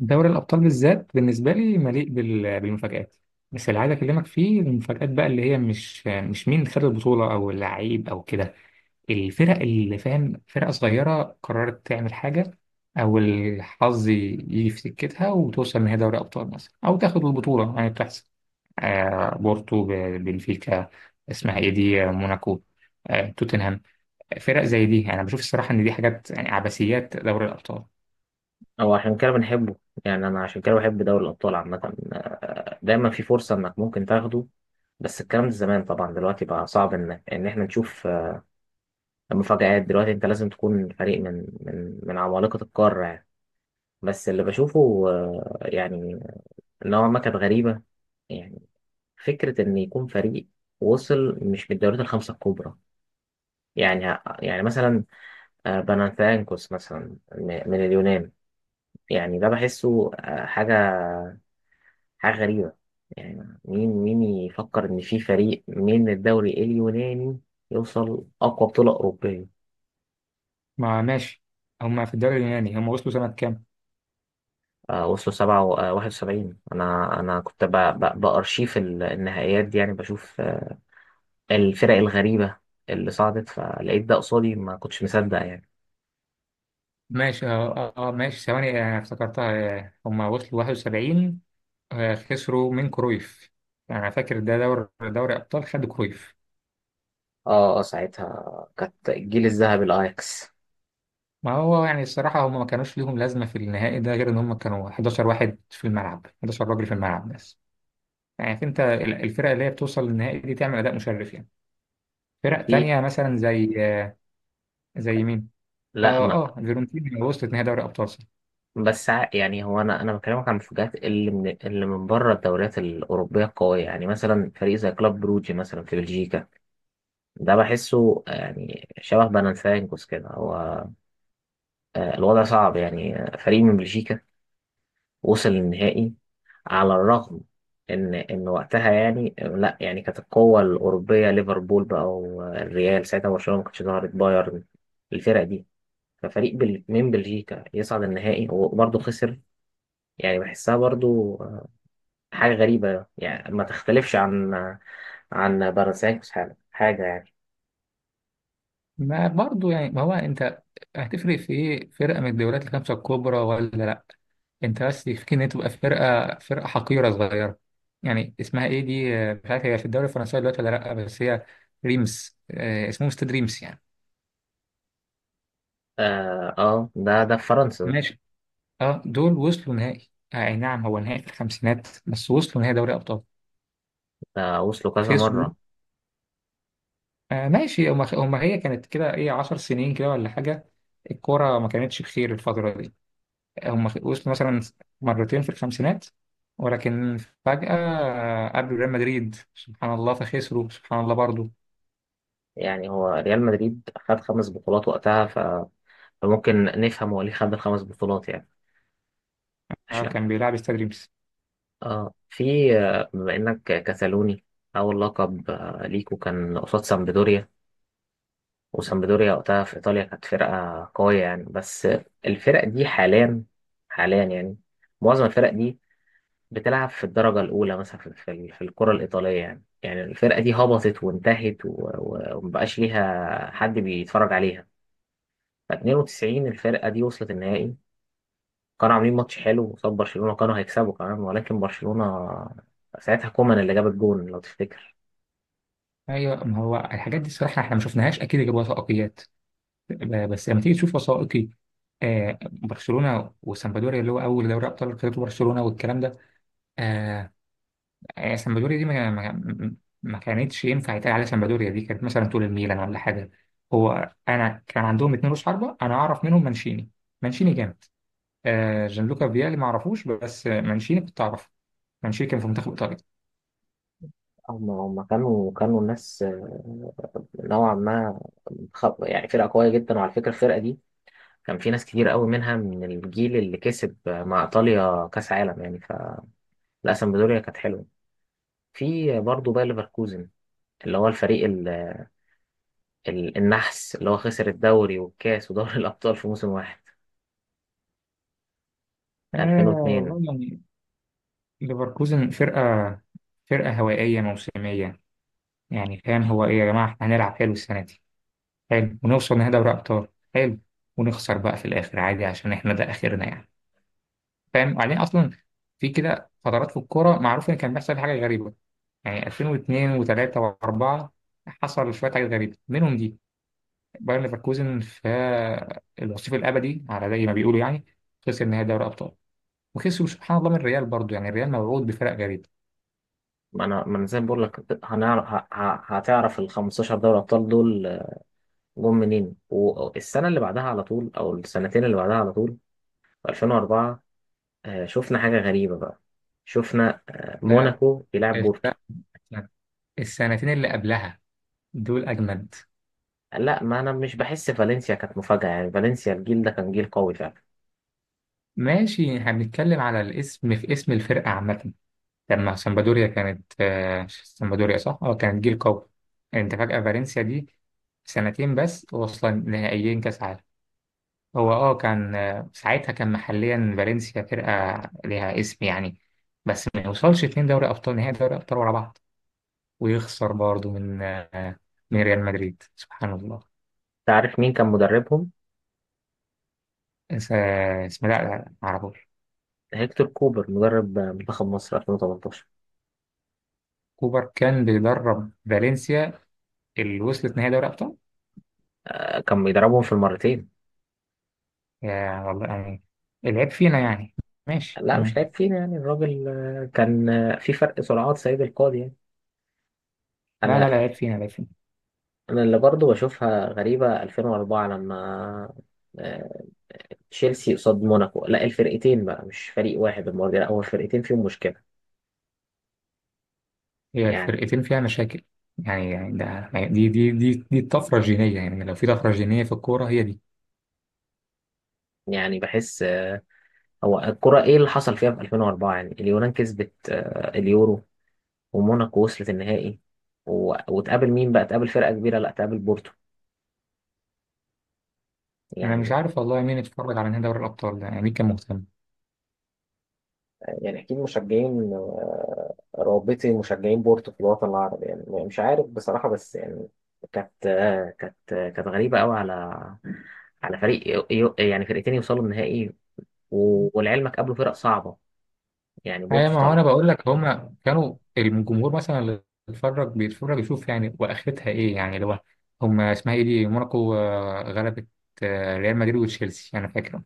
دوري الأبطال بالذات بالنسبة لي مليء بالمفاجآت. بس اللي عايز أكلمك فيه المفاجآت بقى اللي هي مش مين خد البطولة أو اللعيب أو كده. الفرق اللي فاهم، فرقة صغيرة قررت تعمل حاجة أو الحظ يجي في سكتها وتوصل نهائي دوري أبطال مثلا أو تاخد البطولة، يعني بتحصل. بورتو، بنفيكا، اسمها إيه دي؟ موناكو، توتنهام. فرق زي دي، يعني أنا بشوف الصراحة إن دي حاجات يعني عبثيات دوري الأبطال. هو عشان كده بنحبه. يعني انا عشان كده بحب دوري الابطال عامه، دايما في فرصه انك ممكن تاخده. بس الكلام ده زمان طبعا، دلوقتي بقى صعب ان احنا نشوف مفاجآت. دلوقتي انت لازم تكون فريق من من عمالقه القاره يعني. بس اللي بشوفه يعني نوعا ما كانت غريبه. يعني فكره ان يكون فريق وصل مش من الدوريات الخمسه الكبرى، يعني مثلا بانانثياكوس مثلا من اليونان. يعني ده بحسه حاجه، حاجة غريبة. يعني مين يفكر إن في فريق من الدوري اليوناني يوصل أقوى بطولة أوروبية؟ ما ماشي. هما في الدوري اليوناني هما وصلوا سنة كام؟ آه وصلوا سبعة و- آه، واحد وسبعين. أنا كنت بأرشيف النهائيات دي، يعني بشوف الفرق الغريبة اللي صعدت، فلقيت ده قصادي ما كنتش مصدق يعني. ماشي، ماشي، ثواني، افتكرتها. هما وصلوا 71، خسروا من كرويف. أنا فاكر ده دوري أبطال خدوا كرويف. اه اه ساعتها كانت الجيل الذهبي الأياكس. ما هو يعني الصراحة هما ما كانوش ليهم لازمة في النهائي ده غير إن هما كانوا 11 واحد في الملعب، 11 راجل في الملعب بس. يعني عارف أنت، الفرق اللي هي بتوصل للنهائي دي تعمل أداء مشرف يعني. فرق في تانية مثلا زي زي مين؟ لا ما اه فيورنتينا وصلت نهائي دوري أبطال. بس يعني هو انا بكلمك عن المفاجآت اللي من اللي من بره الدوريات الاوروبيه القويه. يعني مثلا فريق زي كلوب بروجي مثلا في بلجيكا، ده بحسه يعني شبه بلانسيانكوس كده. هو الوضع صعب يعني. فريق من بلجيكا وصل للنهائي، على الرغم ان وقتها يعني آه، لا يعني كانت القوة الأوروبية ليفربول بقى، والريال ساعتها، برشلونة ما كانتش ظهرت، بايرن، الفرق دي. ففريق من بلجيكا يصعد النهائي وبرضه خسر، يعني بحسها برضه حاجة غريبة يعني، ما تختلفش عن عن بلانسيانكوس. حاجة يعني. ما برضه يعني، ما هو انت هتفرق في ايه فرقه من الدوريات الخمسه الكبرى ولا لا؟ انت بس يكفيك ان هي تبقى فرقه حقيره صغيره يعني. اسمها ايه دي؟ مش عارف هي في الدوري الفرنسي دلوقتي ولا لا، بس هي ريمس، اسمهم استاد ريمس يعني. اه ده في فرنسا. ماشي. اه دول وصلوا نهائي، اي نعم، هو نهائي في الخمسينات بس وصلوا نهائي دوري ابطال. ده وصلوا كذا خسروا. مرة. آه ماشي، هما هي كانت كده ايه، 10 سنين كده ولا حاجه. الكوره ما كانتش بخير الفتره دي. هم وصلوا مثلا مرتين في الخمسينات، ولكن فجأة قابلوا ريال مدريد سبحان الله فخسروا سبحان الله برضه. يعني هو ريال مدريد خد خمس بطولات وقتها، ف... فممكن نفهم هو ليه خد الخمس بطولات يعني، عشان. كان بيلعب استاد ريمس. اه في آه، بما انك كتالوني، اول لقب ليكو كان قصاد سامبدوريا، وسامبدوريا وقتها في ايطاليا كانت فرقة قوية يعني. بس الفرق دي حاليا، حاليا يعني معظم الفرق دي بتلعب في الدرجة الأولى مثلا في في الكرة الإيطالية. يعني الفرقة دي هبطت وانتهت ومبقاش ليها حد بيتفرج عليها. 92 الفرقة دي وصلت النهائي، كانوا عاملين ماتش حلو قصاد برشلونة، كانوا هيكسبوا كمان، ولكن برشلونة ساعتها كومان اللي جاب الجون لو تفتكر. ايوه، ما هو الحاجات دي الصراحه احنا ما شفناش، اكيد جاب وثائقيات. بس لما تيجي تشوف وثائقي برشلونه وسامبدوريا، اللي هو اول دوري ابطال خدته برشلونه والكلام ده. آه سامبدوريا دي ما كانتش ينفع يتقال عليها. سامبدوريا دي كانت مثلا طول الميلان ولا حاجه. هو انا كان عندهم اتنين رؤوس حربه، انا اعرف منهم مانشيني. مانشيني جامد. جانلوكا فيالي ما اعرفوش، بس مانشيني كنت اعرفه. مانشيني كان في منتخب ايطاليا. هم كانوا الناس نوعا ما يعني فرقة قوية جدا. وعلى فكرة الفرقة دي كان في ناس كتير قوي منها من الجيل اللي كسب مع إيطاليا كأس عالم يعني. فالأسمبدوريا كانت حلوة. في برضه باير ليفركوزن اللي هو الفريق النحس، اللي هو خسر الدوري والكاس ودوري الأبطال في موسم واحد، آه 2002. والله يعني. ليفركوزن فرقه، فرقه هوائيه موسميه. يعني فاهم، هو ايه يا جماعه، احنا هنلعب حلو السنه دي، حلو، ونوصل نهائي دوري ابطال، حلو، ونخسر بقى في الاخر عادي عشان احنا ده اخرنا يعني. فاهم؟ وبعدين اصلا في كده فترات في الكوره معروف ان كان بيحصل حاجه غريبه. يعني 2002 و3 و4 حصل شويه حاجات غريبه منهم دي. بايرن ليفركوزن، في الوصيف الابدي على زي ما بيقولوا يعني، خسر نهائي دوري ابطال وخسروا سبحان الله من الريال برضو. يعني الريال موعود بفرق غريب. ما انا زي ما بقول لك هنعرف هتعرف ال 15 دوري ابطال دول جم منين، والسنه اللي بعدها على طول او السنتين اللي بعدها على طول. في 2004 شفنا حاجه غريبه بقى، شفنا لا، موناكو بيلعب بورتو. الفرق السنتين اللي قبلها دول اجمد. لا ما انا مش بحس فالنسيا كانت مفاجاه، يعني فالنسيا الجيل ده كان جيل قوي فعلا. ماشي، هنتكلم على الاسم، في اسم الفرقه عامه. لما سامبادوريا كانت سامبادوريا، صح، اه، كانت جيل قوي. يعني انت فجاه فالنسيا دي سنتين بس واصلا نهائيين كاس عالم. هو اه كان ساعتها كان محليا فالنسيا فرقة ليها اسم يعني، بس ما يوصلش اتنين دوري أبطال، نهائي دوري أبطال ورا بعض، ويخسر برضه من من ريال مدريد سبحان الله. تعرف مين كان مدربهم؟ اسمه، لا معرفوش. هيكتور كوبر، مدرب منتخب مصر 2018. كوبر كان بيدرب فالنسيا اللي وصلت نهائي دوري أبطال. كان بيدربهم في المرتين. يا والله يعني. العيب فينا يعني. ماشي لا مش تمام. لعيب فينا، يعني الراجل كان في فرق سرعات سيد القاضي يعني. لا انا العيب فينا، العيب فينا. انا اللي برضو بشوفها غريبة 2004، لما آه، تشيلسي قصاد موناكو، لا الفرقتين بقى مش فريق واحد المرة دي، لا هو الفرقتين فيهم مشكلة هي يعني. فرقتين فيها مشاكل. يعني يعني ده دي دي دي دي الطفرة الجينية. يعني لو في طفرة جينية في الكورة هي دي. بحس هو الكرة ايه اللي حصل فيها في 2004؟ يعني اليونان كسبت اليورو، وموناكو وصلت النهائي، وتقابل مين بقى؟ تقابل فرقة كبيرة؟ لا، تقابل بورتو انا مش يعني. عارف والله مين اتفرج على نهائي دوري الابطال ده، يعني مين كان مهتم. يعني اكيد مشجعين رابطي مشجعين بورتو في الوطن العربي يعني، مش عارف بصراحه، بس يعني كانت كانت غريبه قوي على على فريق يعني فرقتين يوصلوا النهائي. ولعلمك قابلوا فرق صعبه، يعني ايوه، بورتو ما هو صلب. انا بقول لك هما كانوا الجمهور مثلا اللي بيتفرج يشوف يعني، واخرتها ايه يعني؟ اللي هو هما اسمها ايه دي، موناكو، غلبت ريال مدريد وتشيلسي انا فاكر.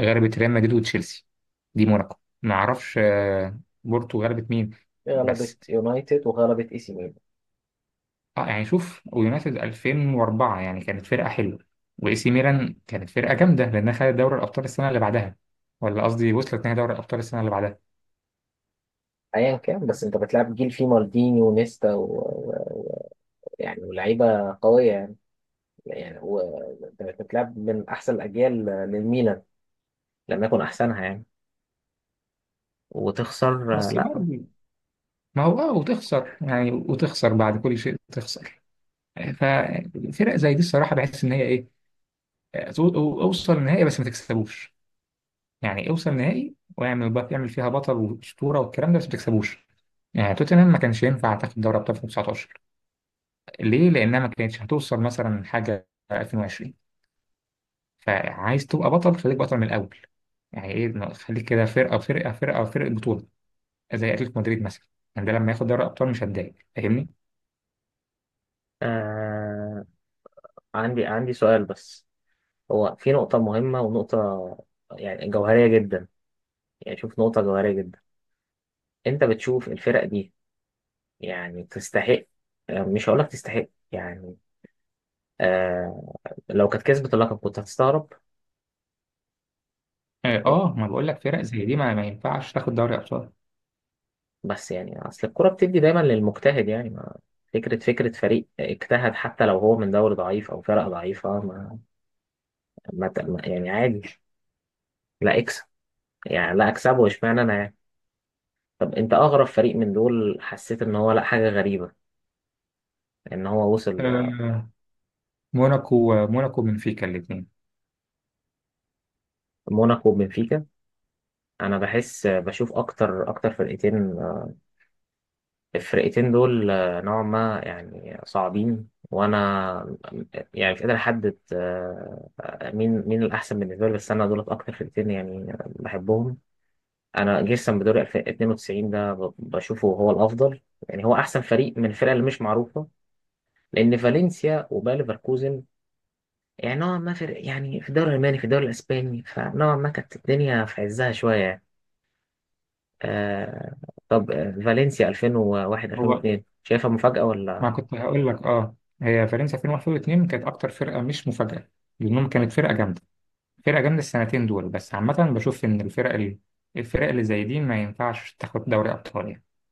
غلبت ريال مدريد وتشيلسي، دي موناكو. ما اعرفش بورتو غلبت مين. بس غلبت يونايتد وغلبت اي سي ميلان. اه، يعني شوف، ويونايتد 2004 يعني كانت فرقه حلوه، واي سي ميلان كانت فرقه جامده لانها خدت دوري الابطال السنه اللي بعدها، ولا قصدي وصلت نهائي دوري الابطال السنه اللي بعدها. ايا كان، بس انت بتلعب جيل فيه مالديني ونيستا ويعني ولاعيبه قويه يعني. يعني وانت بتلعب من احسن الاجيال للميلان، لم يكن احسنها يعني، وتخسر؟ بس لا. برضه ما هو اه وتخسر، يعني وتخسر بعد كل شيء تخسر. ففرق زي دي الصراحه بحس ان هي ايه، اوصل النهائي بس ما تكسبوش. يعني اوصل نهائي واعمل يعمل فيها بطل واسطوره والكلام ده، بس ما تكسبوش. يعني توتنهام ما كانش ينفع تاخد دوري ابطال 2019. ليه؟ لانها ما كانتش هتوصل مثلا حاجه 2020. فعايز تبقى بطل، خليك بطل من الاول. يعني ايه إنه خليك كده فرقه بطوله، زي اتلتيكو مدريد مثلا. يعني ده لما ياخد دوري ابطال مش هتضايق، فاهمني؟ آه. عندي سؤال بس. هو في نقطة مهمة، ونقطة يعني جوهرية جدا. يعني شوف، نقطة جوهرية جدا. أنت بتشوف الفرق دي يعني تستحق؟ آه مش هقولك تستحق يعني، آه، لو كانت كسبت اللقب كنت هتستغرب؟ اه، و- ما بقول لك فرق زي دي ما ينفعش تاخد دوري ابطال. بس يعني أصل الكرة بتدي دايما للمجتهد يعني. ما فكرة فريق اجتهد حتى لو هو من دوري ضعيف أو فرق ضعيفة، يعني عادي، لا اكسب، يعني لا اكسبه، اشمعنى أنا يعني. طب انت اغرب فريق من دول حسيت ان هو لا، حاجه غريبه ان هو وصل آه، موناكو وبنفيكا الاثنين. موناكو وبنفيكا. انا بحس بشوف اكتر فرقتين الفرقتين دول نوعا ما يعني صعبين. وانا يعني مش قادر احدد مين الاحسن بالنسبه لي، بس انا دولت اكتر فرقتين يعني بحبهم. انا جيرسون بدوري 92 ده بشوفه هو الافضل، يعني هو احسن فريق من الفرق اللي مش معروفه. لان فالنسيا وباير ليفركوزن يعني نوعا ما في، يعني في الدوري الألماني في الدوري الأسباني، فنوعا ما كانت الدنيا في عزها شوية يعني. آه. طب فالنسيا 2001 هو 2002 شايفها مفاجأة ما ولا؟ كنت هقول لك اه، هي فرنسا 2001 و2 كانت اكتر فرقه مش مفاجاه، لانهم كانت فرقه جامده، فرقه جامده السنتين دول. بس عامه بشوف ان الفرق اللي زي دي ما ينفعش تاخد دوري ابطال يعني.